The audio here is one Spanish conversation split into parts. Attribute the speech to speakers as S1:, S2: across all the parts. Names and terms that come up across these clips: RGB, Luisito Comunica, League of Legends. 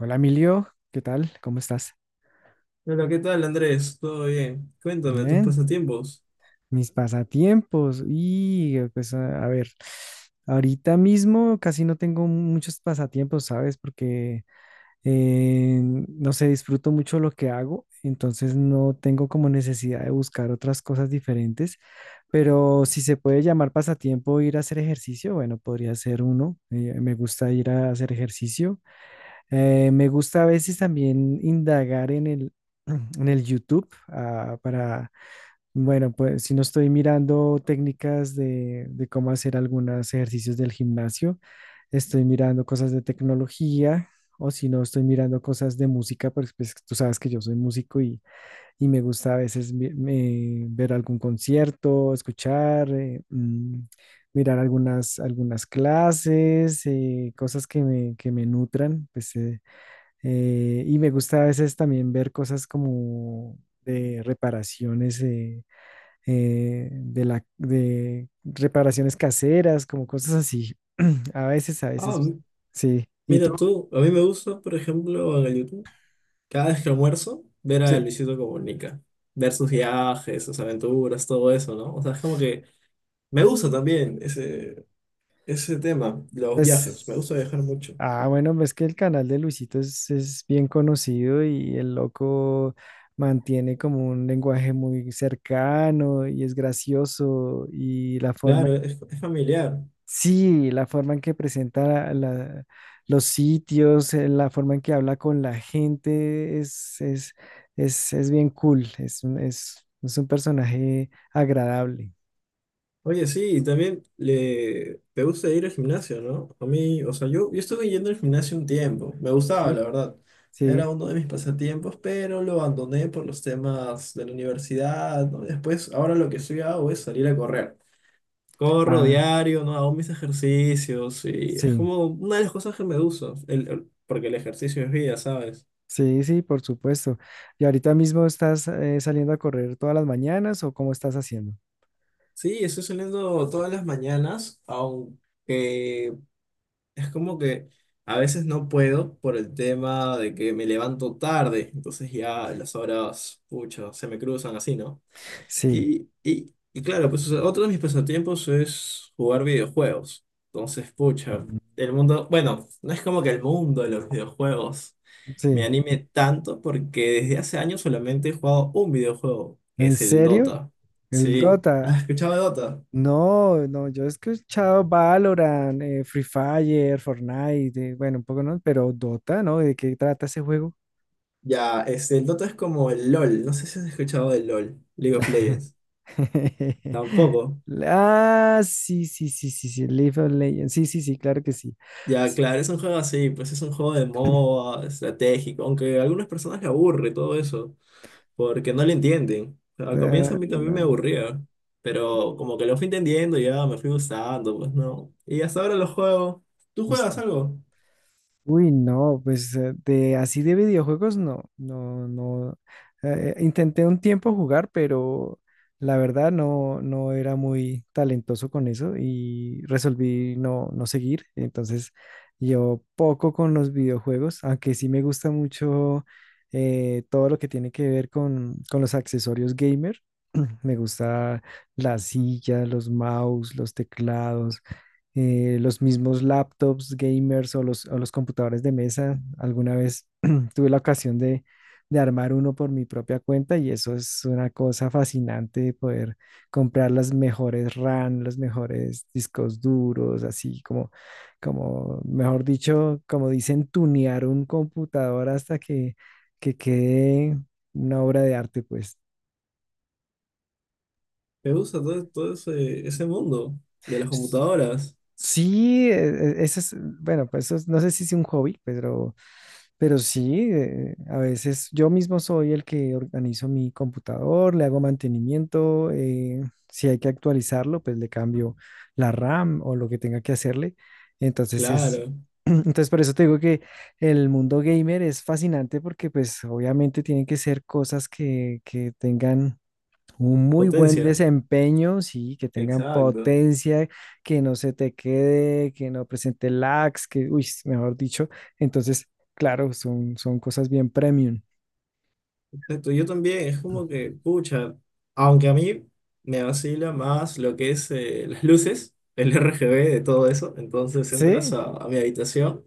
S1: Hola Emilio, ¿qué tal? ¿Cómo estás?
S2: Hola, ¿qué tal, Andrés? ¿Todo bien? Cuéntame tus
S1: Bien,
S2: pasatiempos.
S1: mis pasatiempos. Y pues a ver, ahorita mismo casi no tengo muchos pasatiempos, ¿sabes? Porque no sé, disfruto mucho lo que hago, entonces no tengo como necesidad de buscar otras cosas diferentes. Pero si se puede llamar pasatiempo ir a hacer ejercicio, bueno, podría ser uno. Me gusta ir a hacer ejercicio. Me gusta a veces también indagar en el, en el YouTube, ah, para, bueno, pues si no estoy mirando técnicas de cómo hacer algunos ejercicios del gimnasio, estoy mirando cosas de tecnología, o si no estoy mirando cosas de música, pues, pues tú sabes que yo soy músico y me gusta a veces ver algún concierto, escuchar, mirar algunas clases, cosas que me nutran, pues, y me gusta a veces también ver cosas como de reparaciones, de reparaciones caseras, como cosas así. A
S2: Ah,
S1: veces,
S2: m-
S1: sí. ¿Y tú?
S2: Mira tú, a mí me gusta, por ejemplo, en el YouTube, cada vez que almuerzo, ver
S1: Sí.
S2: a Luisito Comunica, ver sus viajes, sus aventuras, todo eso, ¿no? O sea, es como que me gusta también ese tema, los viajes, me gusta
S1: Pues,
S2: viajar mucho.
S1: ah, bueno, ves que el canal de Luisito es bien conocido y el loco mantiene como un lenguaje muy cercano y es gracioso y la forma.
S2: Claro, es familiar.
S1: Sí, la forma en que presenta los sitios, la forma en que habla con la gente es bien cool, es un personaje agradable.
S2: Oye, sí, y también te gusta ir al gimnasio, ¿no? A mí, o sea, yo estuve yendo al gimnasio un tiempo, me
S1: Sí,
S2: gustaba, la verdad.
S1: sí,
S2: Era uno de mis pasatiempos, pero lo abandoné por los temas de la universidad, ¿no? Después, ahora lo que estoy hago es salir a correr. Corro
S1: ah,
S2: diario, ¿no? Hago mis ejercicios y es
S1: sí,
S2: como una de las cosas que me gusta, porque el ejercicio es vida, ¿sabes?
S1: sí, sí, por supuesto. ¿Y ahorita mismo estás saliendo a correr todas las mañanas o cómo estás haciendo?
S2: Sí, estoy saliendo todas las mañanas, aunque es como que a veces no puedo por el tema de que me levanto tarde, entonces ya las horas, pucha, se me cruzan así, ¿no?
S1: Sí,
S2: Y claro, pues o sea, otro de mis pasatiempos es jugar videojuegos. Entonces, pucha, el mundo, bueno, no es como que el mundo de los videojuegos me
S1: sí.
S2: anime tanto porque desde hace años solamente he jugado un videojuego, que
S1: ¿En
S2: es el
S1: serio?
S2: Dota.
S1: El
S2: Sí,
S1: Dota.
S2: ¿has escuchado de Dota?
S1: No, no, yo he escuchado Valorant, Free Fire, Fortnite, bueno, un poco no, pero Dota, ¿no? ¿De qué trata ese juego?
S2: Ya, este, el Dota es como el LOL, no sé si has escuchado del LOL, League of Legends. Tampoco.
S1: Ah, sí, sí, sí, sí, sí, League of Legends, sí, sí, sí, claro que sí.
S2: Ya,
S1: S-
S2: claro, es un juego así, pues es un juego de moda, estratégico, aunque a algunas personas le aburre todo eso, porque no le entienden. Al comienzo
S1: ah,
S2: a mí
S1: no,
S2: también me
S1: no,
S2: aburría, pero como que lo fui entendiendo, ya me fui gustando, pues no. Y hasta ahora lo juego. ¿Tú
S1: pues.
S2: juegas algo?
S1: Uy, no, pues de así de videojuegos no, no, no. Intenté un tiempo jugar, pero la verdad no, no era muy talentoso con eso y resolví no, no seguir. Entonces, yo poco con los videojuegos, aunque sí me gusta mucho todo lo que tiene que ver con los accesorios gamer. Me gusta la silla, los mouse, los teclados, los mismos laptops gamers o los computadores de mesa. Alguna vez tuve la ocasión de armar uno por mi propia cuenta, y eso es una cosa fascinante, poder comprar las mejores RAM, los mejores discos duros, así mejor dicho, como dicen, tunear un computador hasta que quede una obra de arte, pues.
S2: Me gusta todo, ese mundo de las computadoras.
S1: Sí, ese es, bueno, pues no sé si es un hobby, pero sí, a veces yo mismo soy el que organizo mi computador, le hago mantenimiento, si hay que actualizarlo, pues le cambio la RAM o lo que tenga que hacerle. Entonces es.
S2: Claro,
S1: Entonces, por eso te digo que el mundo gamer es fascinante, porque pues obviamente tienen que ser cosas que tengan un muy buen
S2: potencia.
S1: desempeño, sí, que tengan
S2: Exacto.
S1: potencia, que no se te quede, que no presente lags, que, uy, mejor dicho. Entonces, claro, son cosas bien premium.
S2: Exacto, yo también, es como que, pucha, aunque a mí me vacila más lo que es las luces, el RGB de todo eso, entonces entras
S1: Sí.
S2: a mi habitación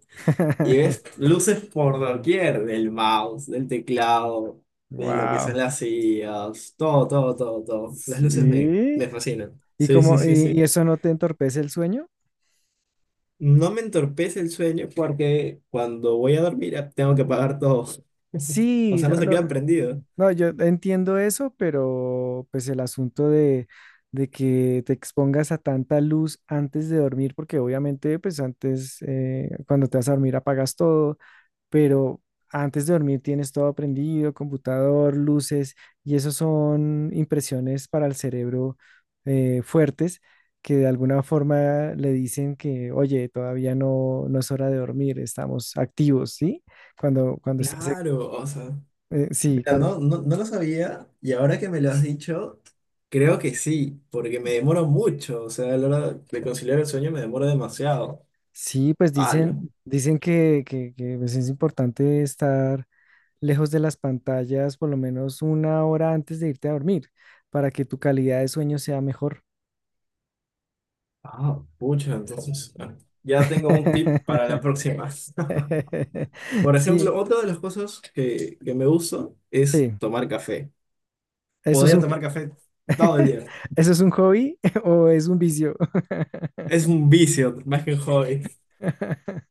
S2: y ves luces por doquier, del mouse, del teclado, de lo que
S1: Wow.
S2: son las sillas, todo. Las luces
S1: Sí.
S2: me fascinan.
S1: ¿Y
S2: Sí, sí,
S1: como
S2: sí, sí.
S1: y eso no te entorpece el sueño?
S2: No me entorpece el sueño porque cuando voy a dormir tengo que apagar todo. O
S1: Sí,
S2: sea, no
S1: no,
S2: se
S1: no,
S2: queda prendido.
S1: no, yo entiendo eso, pero pues el asunto de que te expongas a tanta luz antes de dormir, porque obviamente pues antes, cuando te vas a dormir apagas todo, pero antes de dormir tienes todo prendido, computador, luces, y eso son impresiones para el cerebro, fuertes, que de alguna forma le dicen que, oye, todavía no, no es hora de dormir, estamos activos, ¿sí? Cuando estás,
S2: Claro, o sea.
S1: sí,
S2: Mira,
S1: claro.
S2: no, no, no lo sabía y ahora que me lo has dicho, creo que sí, porque me demoro mucho, o sea, a la hora de conciliar el sueño me demoro demasiado.
S1: Sí, pues
S2: ¡Hala!
S1: dicen, que, pues, es importante estar lejos de las pantallas por lo menos una hora antes de irte a dormir, para que tu calidad de sueño sea mejor.
S2: Ah, pucha, entonces ya tengo un tip para la próxima. Por
S1: Sí,
S2: ejemplo, otra de las cosas que me gusta es
S1: sí.
S2: tomar café.
S1: ¿Eso es
S2: Podría
S1: un,
S2: tomar café todo el día.
S1: ¿eso es un hobby o es un vicio?
S2: Es un vicio, más que un hobby.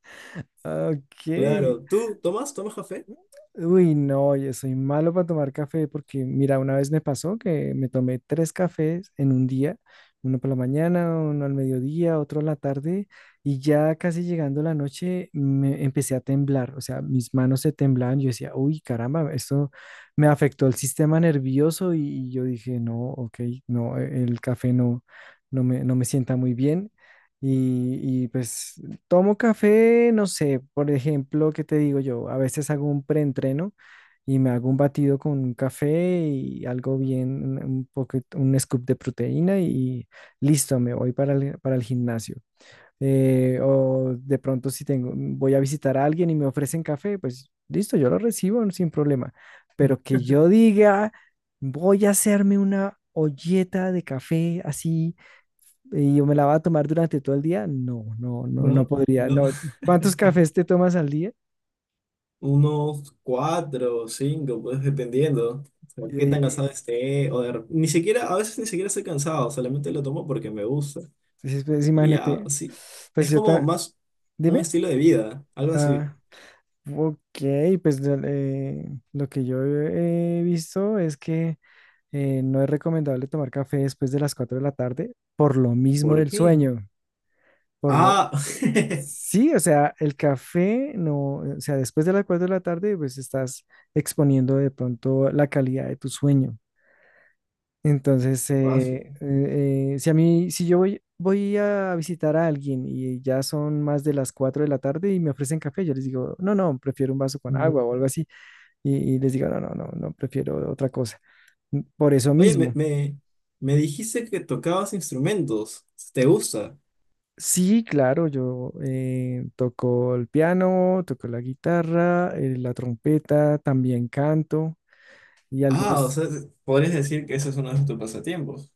S1: Ok.
S2: Claro, ¿tú tomas? ¿Tomas café?
S1: Uy, no, yo soy malo para tomar café porque, mira, una vez me pasó que me tomé tres cafés en un día, uno por la mañana, uno al mediodía, otro en la tarde, y ya casi llegando la noche me empecé a temblar, o sea, mis manos se temblaban, yo decía, uy, caramba, esto me afectó el sistema nervioso y, yo dije, no, ok, no, e, el café no, no me, no me sienta muy bien. Y pues, tomo café, no sé, por ejemplo, ¿qué te digo yo? A veces hago un preentreno y me hago un batido con un café y algo bien, un poco, un scoop de proteína y listo, me voy para el gimnasio, o de pronto si tengo, voy a visitar a alguien y me ofrecen café, pues listo, yo lo recibo no, sin problema. Pero que yo diga, voy a hacerme una olleta de café así y yo me la voy a tomar durante todo el día, no, no, no, no
S2: No,
S1: podría.
S2: no.
S1: No. ¿Cuántos cafés te tomas al día?
S2: Unos cuatro o cinco, pues dependiendo. O sea, qué tan cansado
S1: Eh,
S2: esté. Ni siquiera, a veces ni siquiera estoy cansado, solamente lo tomo porque me gusta.
S1: entonces, pues,
S2: Y ya,
S1: imagínate,
S2: sí.
S1: pues
S2: Es como más un
S1: dime.
S2: estilo de vida, algo así.
S1: Ah, ok, pues lo que yo he visto es que no es recomendable tomar café después de las 4 de la tarde, por lo mismo
S2: ¿Por
S1: del
S2: qué?
S1: sueño. Por lo-
S2: Ah,
S1: Sí, o sea, el café no, o sea, después de las 4 de la tarde, pues estás exponiendo de pronto la calidad de tu sueño. Entonces,
S2: paso.
S1: si a mí, si yo voy, voy a visitar a alguien y ya son más de las 4 de la tarde y me ofrecen café, yo les digo, no, no, prefiero un vaso con
S2: No.
S1: agua o algo así. Y les digo, no, no, no, no, prefiero otra cosa. Por eso
S2: Oye,
S1: mismo.
S2: me dijiste que tocabas instrumentos. ¿Te gusta?
S1: Sí, claro, yo toco el piano, toco la guitarra, la trompeta, también canto y
S2: Ah, o
S1: algunos.
S2: sea, podrías decir que eso es uno de tus pasatiempos.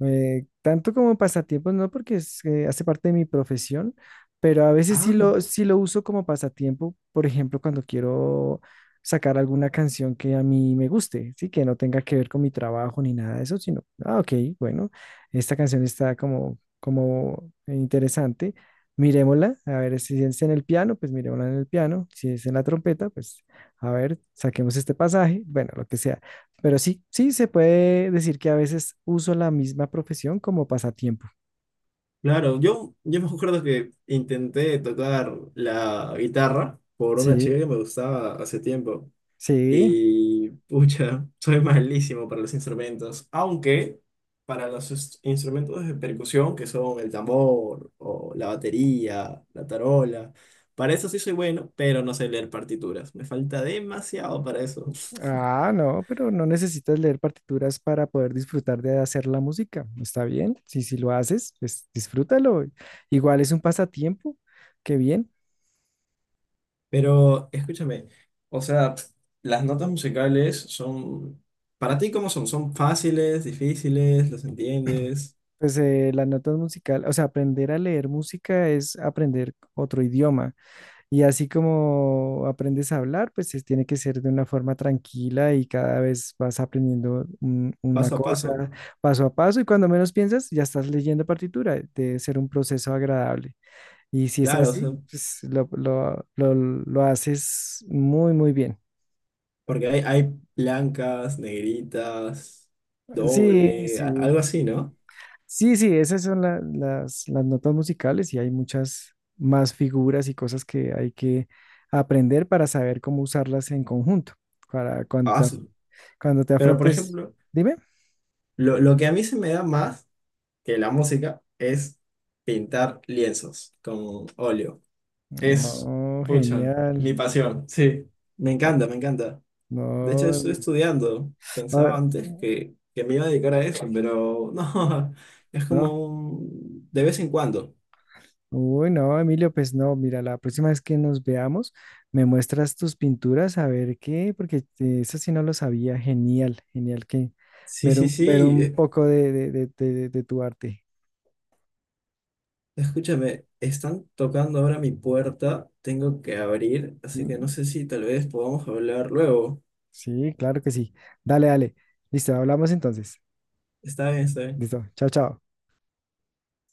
S1: Tanto como pasatiempos, no, porque es, hace parte de mi profesión, pero a veces
S2: Ah.
S1: sí lo uso como pasatiempo, por ejemplo, cuando quiero sacar alguna canción que a mí me guste, sí, que no tenga que ver con mi trabajo ni nada de eso, sino, ah, ok, bueno, esta canción está como, como interesante, miremosla, a ver si es en el piano, pues miremosla en el piano, si es en la trompeta, pues a ver, saquemos este pasaje, bueno, lo que sea. Pero sí, sí, se puede decir que a veces uso la misma profesión como pasatiempo.
S2: Claro, yo me acuerdo que intenté tocar la guitarra por una
S1: Sí,
S2: chica que me gustaba hace tiempo
S1: sí.
S2: y pucha, soy malísimo para los instrumentos, aunque para los instrumentos de percusión que son el tambor o la batería, la tarola, para eso sí soy bueno, pero no sé leer partituras, me falta demasiado para eso.
S1: Ah, no, pero no necesitas leer partituras para poder disfrutar de hacer la música. Está bien. Sí, si lo haces, pues disfrútalo. Igual es un pasatiempo. Qué bien.
S2: Pero escúchame, o sea, las notas musicales son, para ti, ¿cómo son? ¿Son fáciles, difíciles? ¿Las entiendes?
S1: Pues las notas musicales, o sea, aprender a leer música es aprender otro idioma. Y así como aprendes a hablar, pues tiene que ser de una forma tranquila y cada vez vas aprendiendo una
S2: Paso a
S1: cosa
S2: paso.
S1: paso a paso, y cuando menos piensas ya estás leyendo partitura. Debe ser un proceso agradable. Y si es
S2: Claro, o sea,
S1: así, pues lo haces muy, muy bien.
S2: porque hay blancas, negritas,
S1: Sí, sí.
S2: algo así, ¿no?
S1: Sí, sí, esas son las notas musicales y hay muchas más figuras y cosas que hay que aprender para saber cómo usarlas en conjunto, para
S2: Ah,
S1: cuando,
S2: sí.
S1: cuando te
S2: Pero, por
S1: afrontes,
S2: ejemplo,
S1: dime.
S2: lo que a mí se me da más que la música es pintar lienzos con óleo. Es,
S1: Oh,
S2: pucha,
S1: genial.
S2: mi pasión, sí. Me
S1: Ah,
S2: encanta, me encanta. De hecho,
S1: no.
S2: estoy estudiando.
S1: Ah,
S2: Pensaba antes que me iba a dedicar a eso, pero no, es
S1: no.
S2: como un- de vez en cuando.
S1: Uy, no, Emilio, pues no, mira, la próxima vez que nos veamos, me muestras tus pinturas a ver qué, porque eso sí no lo sabía. Genial, genial que
S2: Sí, sí,
S1: ver
S2: sí.
S1: un poco de tu arte.
S2: Escúchame, están tocando ahora mi puerta. Tengo que abrir, así que no
S1: Mm,
S2: sé si tal vez podamos hablar luego.
S1: sí, claro que sí. Dale, dale. Listo, hablamos entonces.
S2: Está bien, está bien.
S1: Listo, chao, chao.